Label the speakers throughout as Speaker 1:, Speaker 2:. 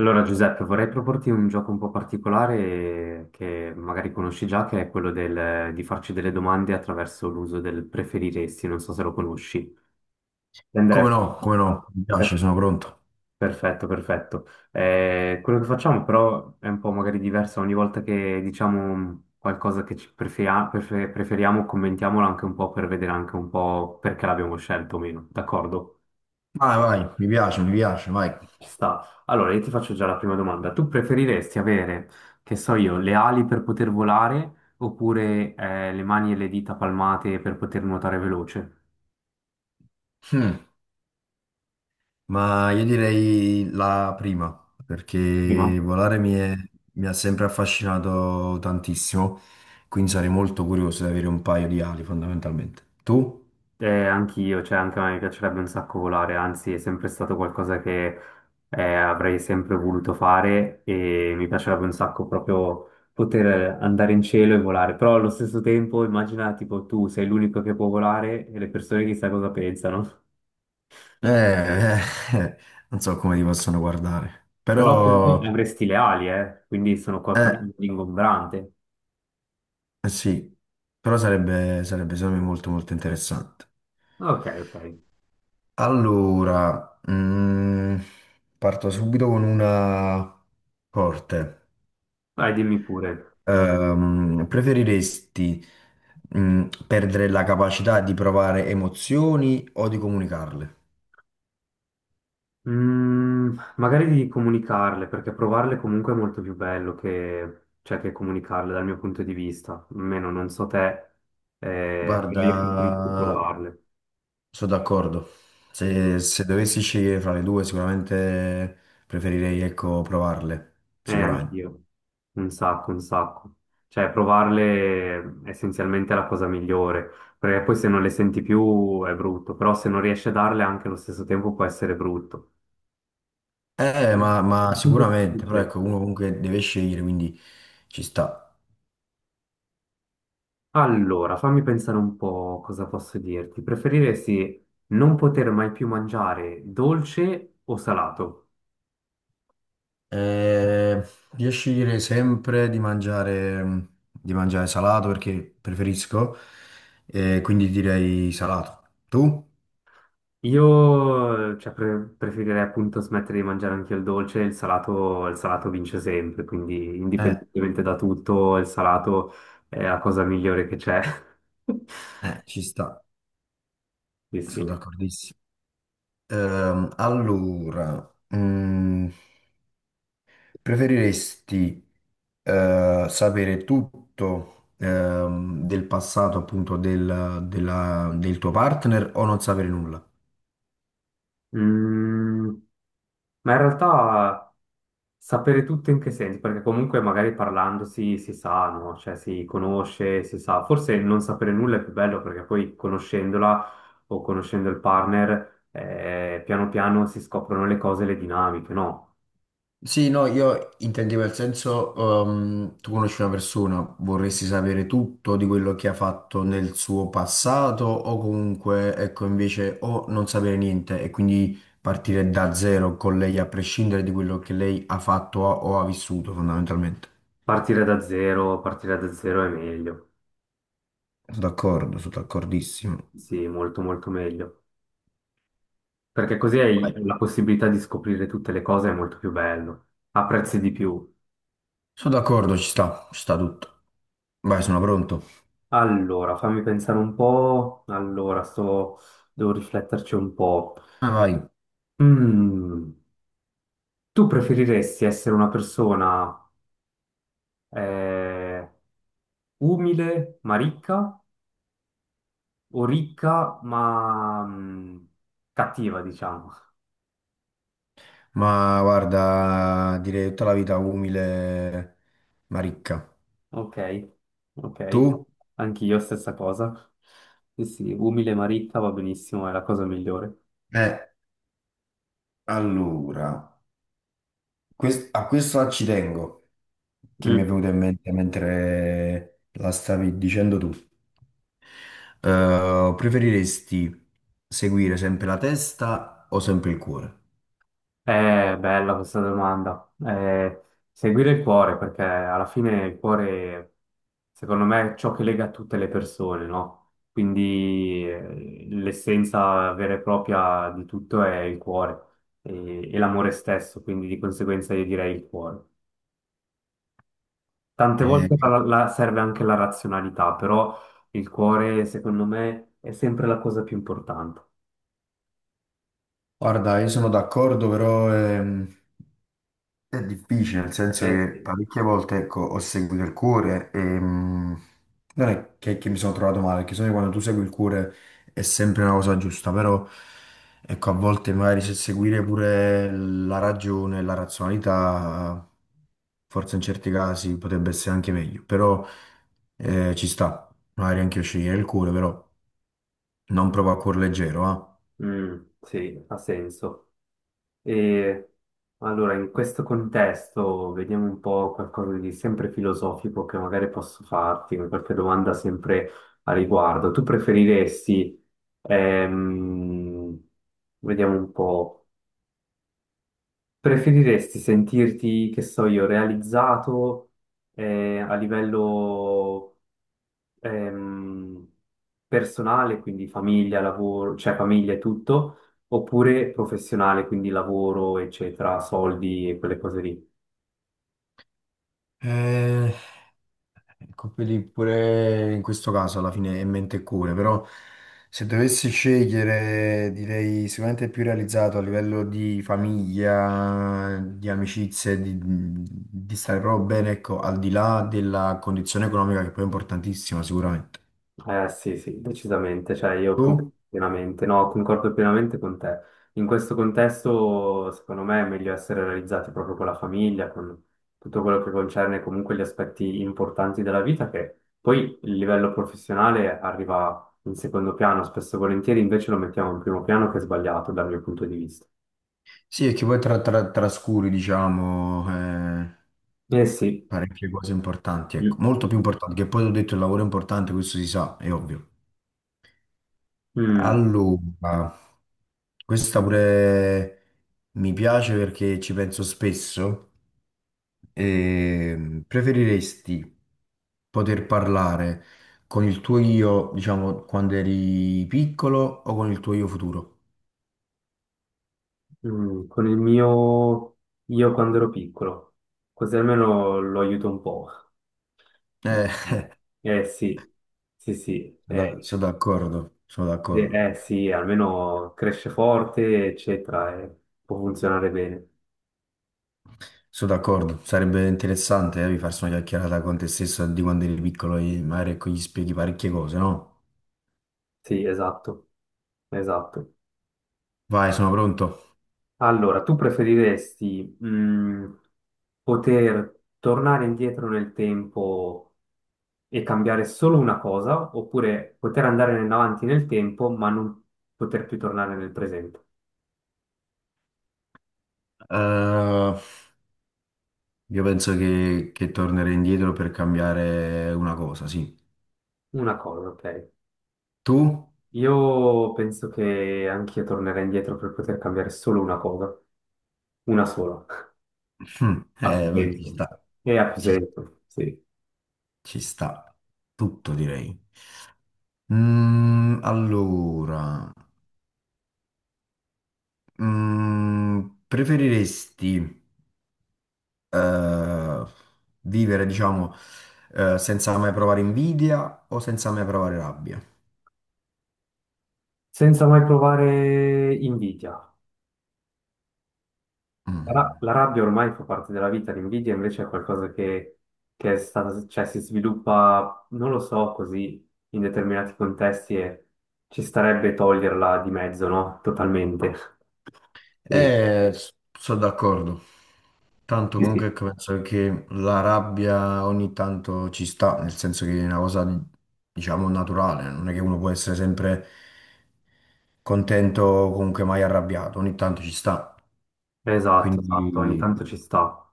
Speaker 1: Allora Giuseppe, vorrei proporti un gioco un po' particolare, che magari conosci già, che è quello di farci delle domande attraverso l'uso del preferiresti, non so se lo conosci.
Speaker 2: Come
Speaker 1: Andrebbe.
Speaker 2: no, come no, mi
Speaker 1: Per-
Speaker 2: piace, sono pronto.
Speaker 1: Perfetto, perfetto. Quello che facciamo però è un po' magari diverso: ogni volta che diciamo qualcosa che preferiamo, commentiamolo anche un po' per vedere anche un po' perché l'abbiamo scelto o meno, d'accordo?
Speaker 2: Vai, vai, mi piace, vai.
Speaker 1: Ci sta. Allora, io ti faccio già la prima domanda. Tu preferiresti avere, che so io, le ali per poter volare oppure le mani e le dita palmate per poter nuotare veloce?
Speaker 2: Hmm, Ma io direi la prima, perché
Speaker 1: Prima?
Speaker 2: mi ha sempre affascinato tantissimo, quindi sarei molto curioso di avere un paio di ali, fondamentalmente. Tu?
Speaker 1: Anch'io, cioè anche a me piacerebbe un sacco volare, anzi è sempre stato qualcosa che avrei sempre voluto fare, e mi piacerebbe un sacco proprio poter andare in cielo e volare, però allo stesso tempo immagina tipo tu sei l'unico che può volare e le persone chissà cosa pensano.
Speaker 2: Eh, eh, eh, non so come ti possono guardare,
Speaker 1: Però tu
Speaker 2: però,
Speaker 1: avresti le ali, eh? Quindi sono qualcosa
Speaker 2: eh,
Speaker 1: di ingombrante.
Speaker 2: eh sì, però sarebbe secondo me molto, molto interessante.
Speaker 1: Ok, ok.
Speaker 2: Allora, parto subito con una forte.
Speaker 1: Vai, dimmi pure.
Speaker 2: Preferiresti, perdere la capacità di provare emozioni o di comunicarle?
Speaker 1: Mm, magari di comunicarle, perché provarle comunque è molto più bello che, cioè, che comunicarle dal mio punto di vista. Almeno non so te, però
Speaker 2: Guarda,
Speaker 1: io preferisco provarle.
Speaker 2: sono d'accordo.
Speaker 1: Mm.
Speaker 2: Se dovessi scegliere fra le due, sicuramente preferirei, ecco, provarle. Sicuramente.
Speaker 1: Anch'io, un sacco, un sacco. Cioè, provarle è essenzialmente la cosa migliore, perché poi se non le senti più è brutto, però se non riesci a darle anche allo stesso tempo può essere brutto. Mm.
Speaker 2: Ma sicuramente, però
Speaker 1: Difficile.
Speaker 2: ecco, uno comunque deve scegliere, quindi ci sta.
Speaker 1: Allora, fammi pensare un po' cosa posso dirti. Preferiresti non poter mai più mangiare dolce o salato?
Speaker 2: Eh, riesci a dire sempre di mangiare salato perché preferisco, quindi direi salato. Tu?
Speaker 1: Io, cioè, preferirei appunto smettere di mangiare anche il dolce, il salato vince sempre, quindi
Speaker 2: Eh,
Speaker 1: indipendentemente da tutto, il salato è la cosa migliore che c'è.
Speaker 2: ci sta,
Speaker 1: Sì,
Speaker 2: sono
Speaker 1: sì.
Speaker 2: d'accordissimo. Allora, mm, preferiresti sapere tutto del passato appunto del tuo partner o non sapere nulla?
Speaker 1: Mm, ma in realtà sapere tutto in che senso? Perché comunque magari parlando si, si sa, no? Cioè si conosce, si sa. Forse non sapere nulla è più bello perché poi conoscendola o conoscendo il partner, piano piano si scoprono le cose, le dinamiche, no?
Speaker 2: Sì, no, io intendevo il senso, tu conosci una persona, vorresti sapere tutto di quello che ha fatto nel suo passato o comunque, ecco, invece o non sapere niente e quindi partire da zero con lei a prescindere di quello che lei ha fatto o ha vissuto fondamentalmente.
Speaker 1: Partire da zero è meglio,
Speaker 2: Sono d'accordo, sono d'accordissimo.
Speaker 1: sì, molto molto meglio, perché così hai
Speaker 2: Vai.
Speaker 1: la possibilità di scoprire tutte le cose, è molto più bello, apprezzi di più.
Speaker 2: Sono d'accordo, ci sta tutto. Vai, sono pronto.
Speaker 1: Allora, fammi pensare un po', allora, sto... devo rifletterci un po'.
Speaker 2: Vai, vai.
Speaker 1: Mm, tu preferiresti essere una persona eh, umile ma ricca o ricca ma cattiva, diciamo?
Speaker 2: Ma guarda, direi tutta la vita umile, ma ricca.
Speaker 1: Ok, ok,
Speaker 2: Tu?
Speaker 1: anch'io stessa cosa. Sì, sì, umile Maritta va benissimo, è la cosa migliore.
Speaker 2: Eh, allora, a questo ci tengo, che mi è
Speaker 1: Mm.
Speaker 2: venuto in mente mentre la stavi dicendo tu. Preferiresti seguire sempre la testa o sempre il cuore?
Speaker 1: È bella questa domanda. Seguire il cuore, perché alla fine il cuore, secondo me, è ciò che lega tutte le persone, no? Quindi l'essenza vera e propria di tutto è il cuore e l'amore stesso, quindi di conseguenza io direi il cuore. Tante
Speaker 2: Eh,
Speaker 1: volte serve anche la razionalità, però il cuore, secondo me, è sempre la cosa più importante.
Speaker 2: Guarda, io sono d'accordo, però è difficile, nel senso
Speaker 1: Eh
Speaker 2: che
Speaker 1: sì.
Speaker 2: parecchie volte, ecco, ho seguito il cuore e non è che mi sono trovato male, perché sennò quando tu segui il cuore è sempre una cosa giusta, però ecco, a volte magari se seguire pure la ragione, la razionalità, forse in certi casi potrebbe essere anche meglio, però ci sta, magari anche io scegliere il cuore, però non provo a cuor leggero,
Speaker 1: Mm, sì, ha senso. E allora, in questo contesto, vediamo un po' qualcosa di sempre filosofico che magari posso farti, qualche domanda sempre a riguardo. Tu preferiresti, ehm, vediamo un po'. Preferiresti sentirti, che so io, realizzato a livello ehm, personale, quindi famiglia, lavoro, cioè famiglia e tutto, oppure professionale, quindi lavoro, eccetera, soldi e quelle cose lì?
Speaker 2: ah. Ecco, quindi pure in questo caso alla fine è mente e cuore, però se dovessi scegliere direi sicuramente più realizzato a livello di famiglia, di amicizie, di stare proprio bene, ecco, al di là della condizione economica che poi è importantissima sicuramente.
Speaker 1: Eh sì, sì, decisamente, cioè
Speaker 2: Tu?
Speaker 1: pienamente, no, concordo pienamente con te. In questo contesto, secondo me, è meglio essere realizzati proprio con la famiglia, con tutto quello che concerne comunque gli aspetti importanti della vita, che poi il livello professionale arriva in secondo piano, spesso e volentieri invece lo mettiamo in primo piano, che è sbagliato dal mio punto di vista.
Speaker 2: Sì, e che poi trascuri, diciamo, eh,
Speaker 1: Eh sì.
Speaker 2: parecchie cose importanti, ecco,
Speaker 1: Mm,
Speaker 2: molto più importanti, che poi ho detto il lavoro è importante, questo si sa, è ovvio.
Speaker 1: mm,
Speaker 2: Allora, questa pure mi piace perché ci penso spesso. E preferiresti poter parlare con il tuo io, diciamo, quando eri piccolo o con il tuo io futuro?
Speaker 1: mm, con il mio, io quando ero piccolo, così almeno lo aiuto un po'.
Speaker 2: Eh,
Speaker 1: Eh sì, sì, sì,
Speaker 2: sono d'accordo, sono
Speaker 1: eh,
Speaker 2: d'accordo.
Speaker 1: sì, almeno cresce forte, eccetera, e può funzionare bene.
Speaker 2: Sono d'accordo, sarebbe interessante farsi una chiacchierata con te stesso di quando eri piccolo e magari ecco, gli spieghi parecchie cose, no?
Speaker 1: Sì, esatto, esatto.
Speaker 2: Vai, sono pronto.
Speaker 1: Allora, tu preferiresti poter tornare indietro nel tempo e cambiare solo una cosa, oppure poter andare in avanti nel tempo ma non poter più tornare nel presente?
Speaker 2: Eh, Io penso che tornerei indietro per cambiare una cosa, sì.
Speaker 1: Una cosa, ok.
Speaker 2: Tu?
Speaker 1: Io penso che anch'io tornerei indietro per poter cambiare solo una cosa, una sola,
Speaker 2: Hm,
Speaker 1: a più
Speaker 2: ma ci
Speaker 1: senso.
Speaker 2: sta,
Speaker 1: E a più
Speaker 2: ci,
Speaker 1: senso, sì.
Speaker 2: ci sta, tutto direi. Allora, preferiresti eh, vivere, diciamo, senza mai provare invidia o senza mai provare rabbia?
Speaker 1: Senza mai provare invidia.
Speaker 2: Mm.
Speaker 1: La rabbia ormai fa parte della vita, l'invidia invece è qualcosa che è stata, cioè, si sviluppa, non lo so, così in determinati contesti e ci starebbe toglierla di mezzo, no? Totalmente. Sì,
Speaker 2: Eh, sono d'accordo. Tanto
Speaker 1: sì,
Speaker 2: comunque
Speaker 1: sì.
Speaker 2: ecco, penso che la rabbia ogni tanto ci sta, nel senso che è una cosa, diciamo, naturale, non è che uno può essere sempre contento o comunque mai arrabbiato, ogni tanto ci sta.
Speaker 1: Esatto, esatto, ogni
Speaker 2: Quindi
Speaker 1: tanto ci sta.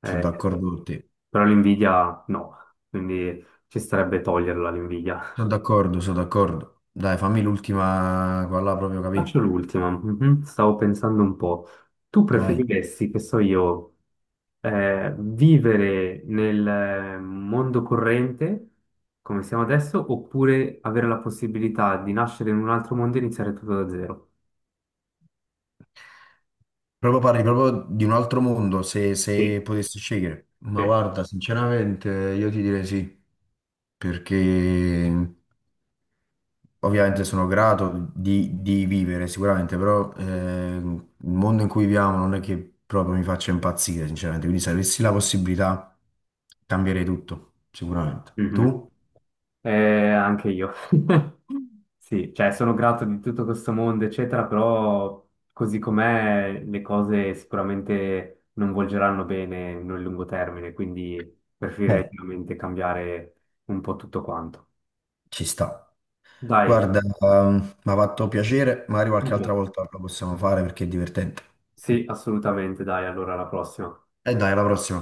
Speaker 2: sono
Speaker 1: Eh,
Speaker 2: d'accordo con te.
Speaker 1: però l'invidia no, quindi ci starebbe toglierla l'invidia.
Speaker 2: Sono d'accordo, sono d'accordo. Dai, fammi l'ultima qua là proprio
Speaker 1: Faccio
Speaker 2: capì.
Speaker 1: l'ultima, mhm, stavo pensando un po'. Tu
Speaker 2: Dai.
Speaker 1: preferiresti, che so io, vivere nel mondo corrente, come siamo adesso, oppure avere la possibilità di nascere in un altro mondo e iniziare tutto da zero?
Speaker 2: Proprio parli proprio di un altro mondo, se
Speaker 1: Sì,
Speaker 2: potessi scegliere. Ma
Speaker 1: sì.
Speaker 2: guarda, sinceramente io ti direi sì, perché ovviamente sono grato di vivere sicuramente, però il mondo in cui viviamo non è che proprio mi faccia impazzire, sinceramente. Quindi se avessi la possibilità cambierei tutto, sicuramente.
Speaker 1: Mhm.
Speaker 2: Tu?
Speaker 1: Eh, anche io. Sì, cioè sono grato di tutto questo mondo, eccetera, però così com'è le cose sicuramente non volgeranno bene nel lungo termine, quindi preferirei
Speaker 2: Eh,
Speaker 1: veramente cambiare un po' tutto quanto.
Speaker 2: Ci sta.
Speaker 1: Dai,
Speaker 2: Guarda, mi ha fatto piacere, magari qualche altra volta lo possiamo fare perché è divertente.
Speaker 1: sì, assolutamente, dai, allora alla prossima.
Speaker 2: E dai, alla prossima.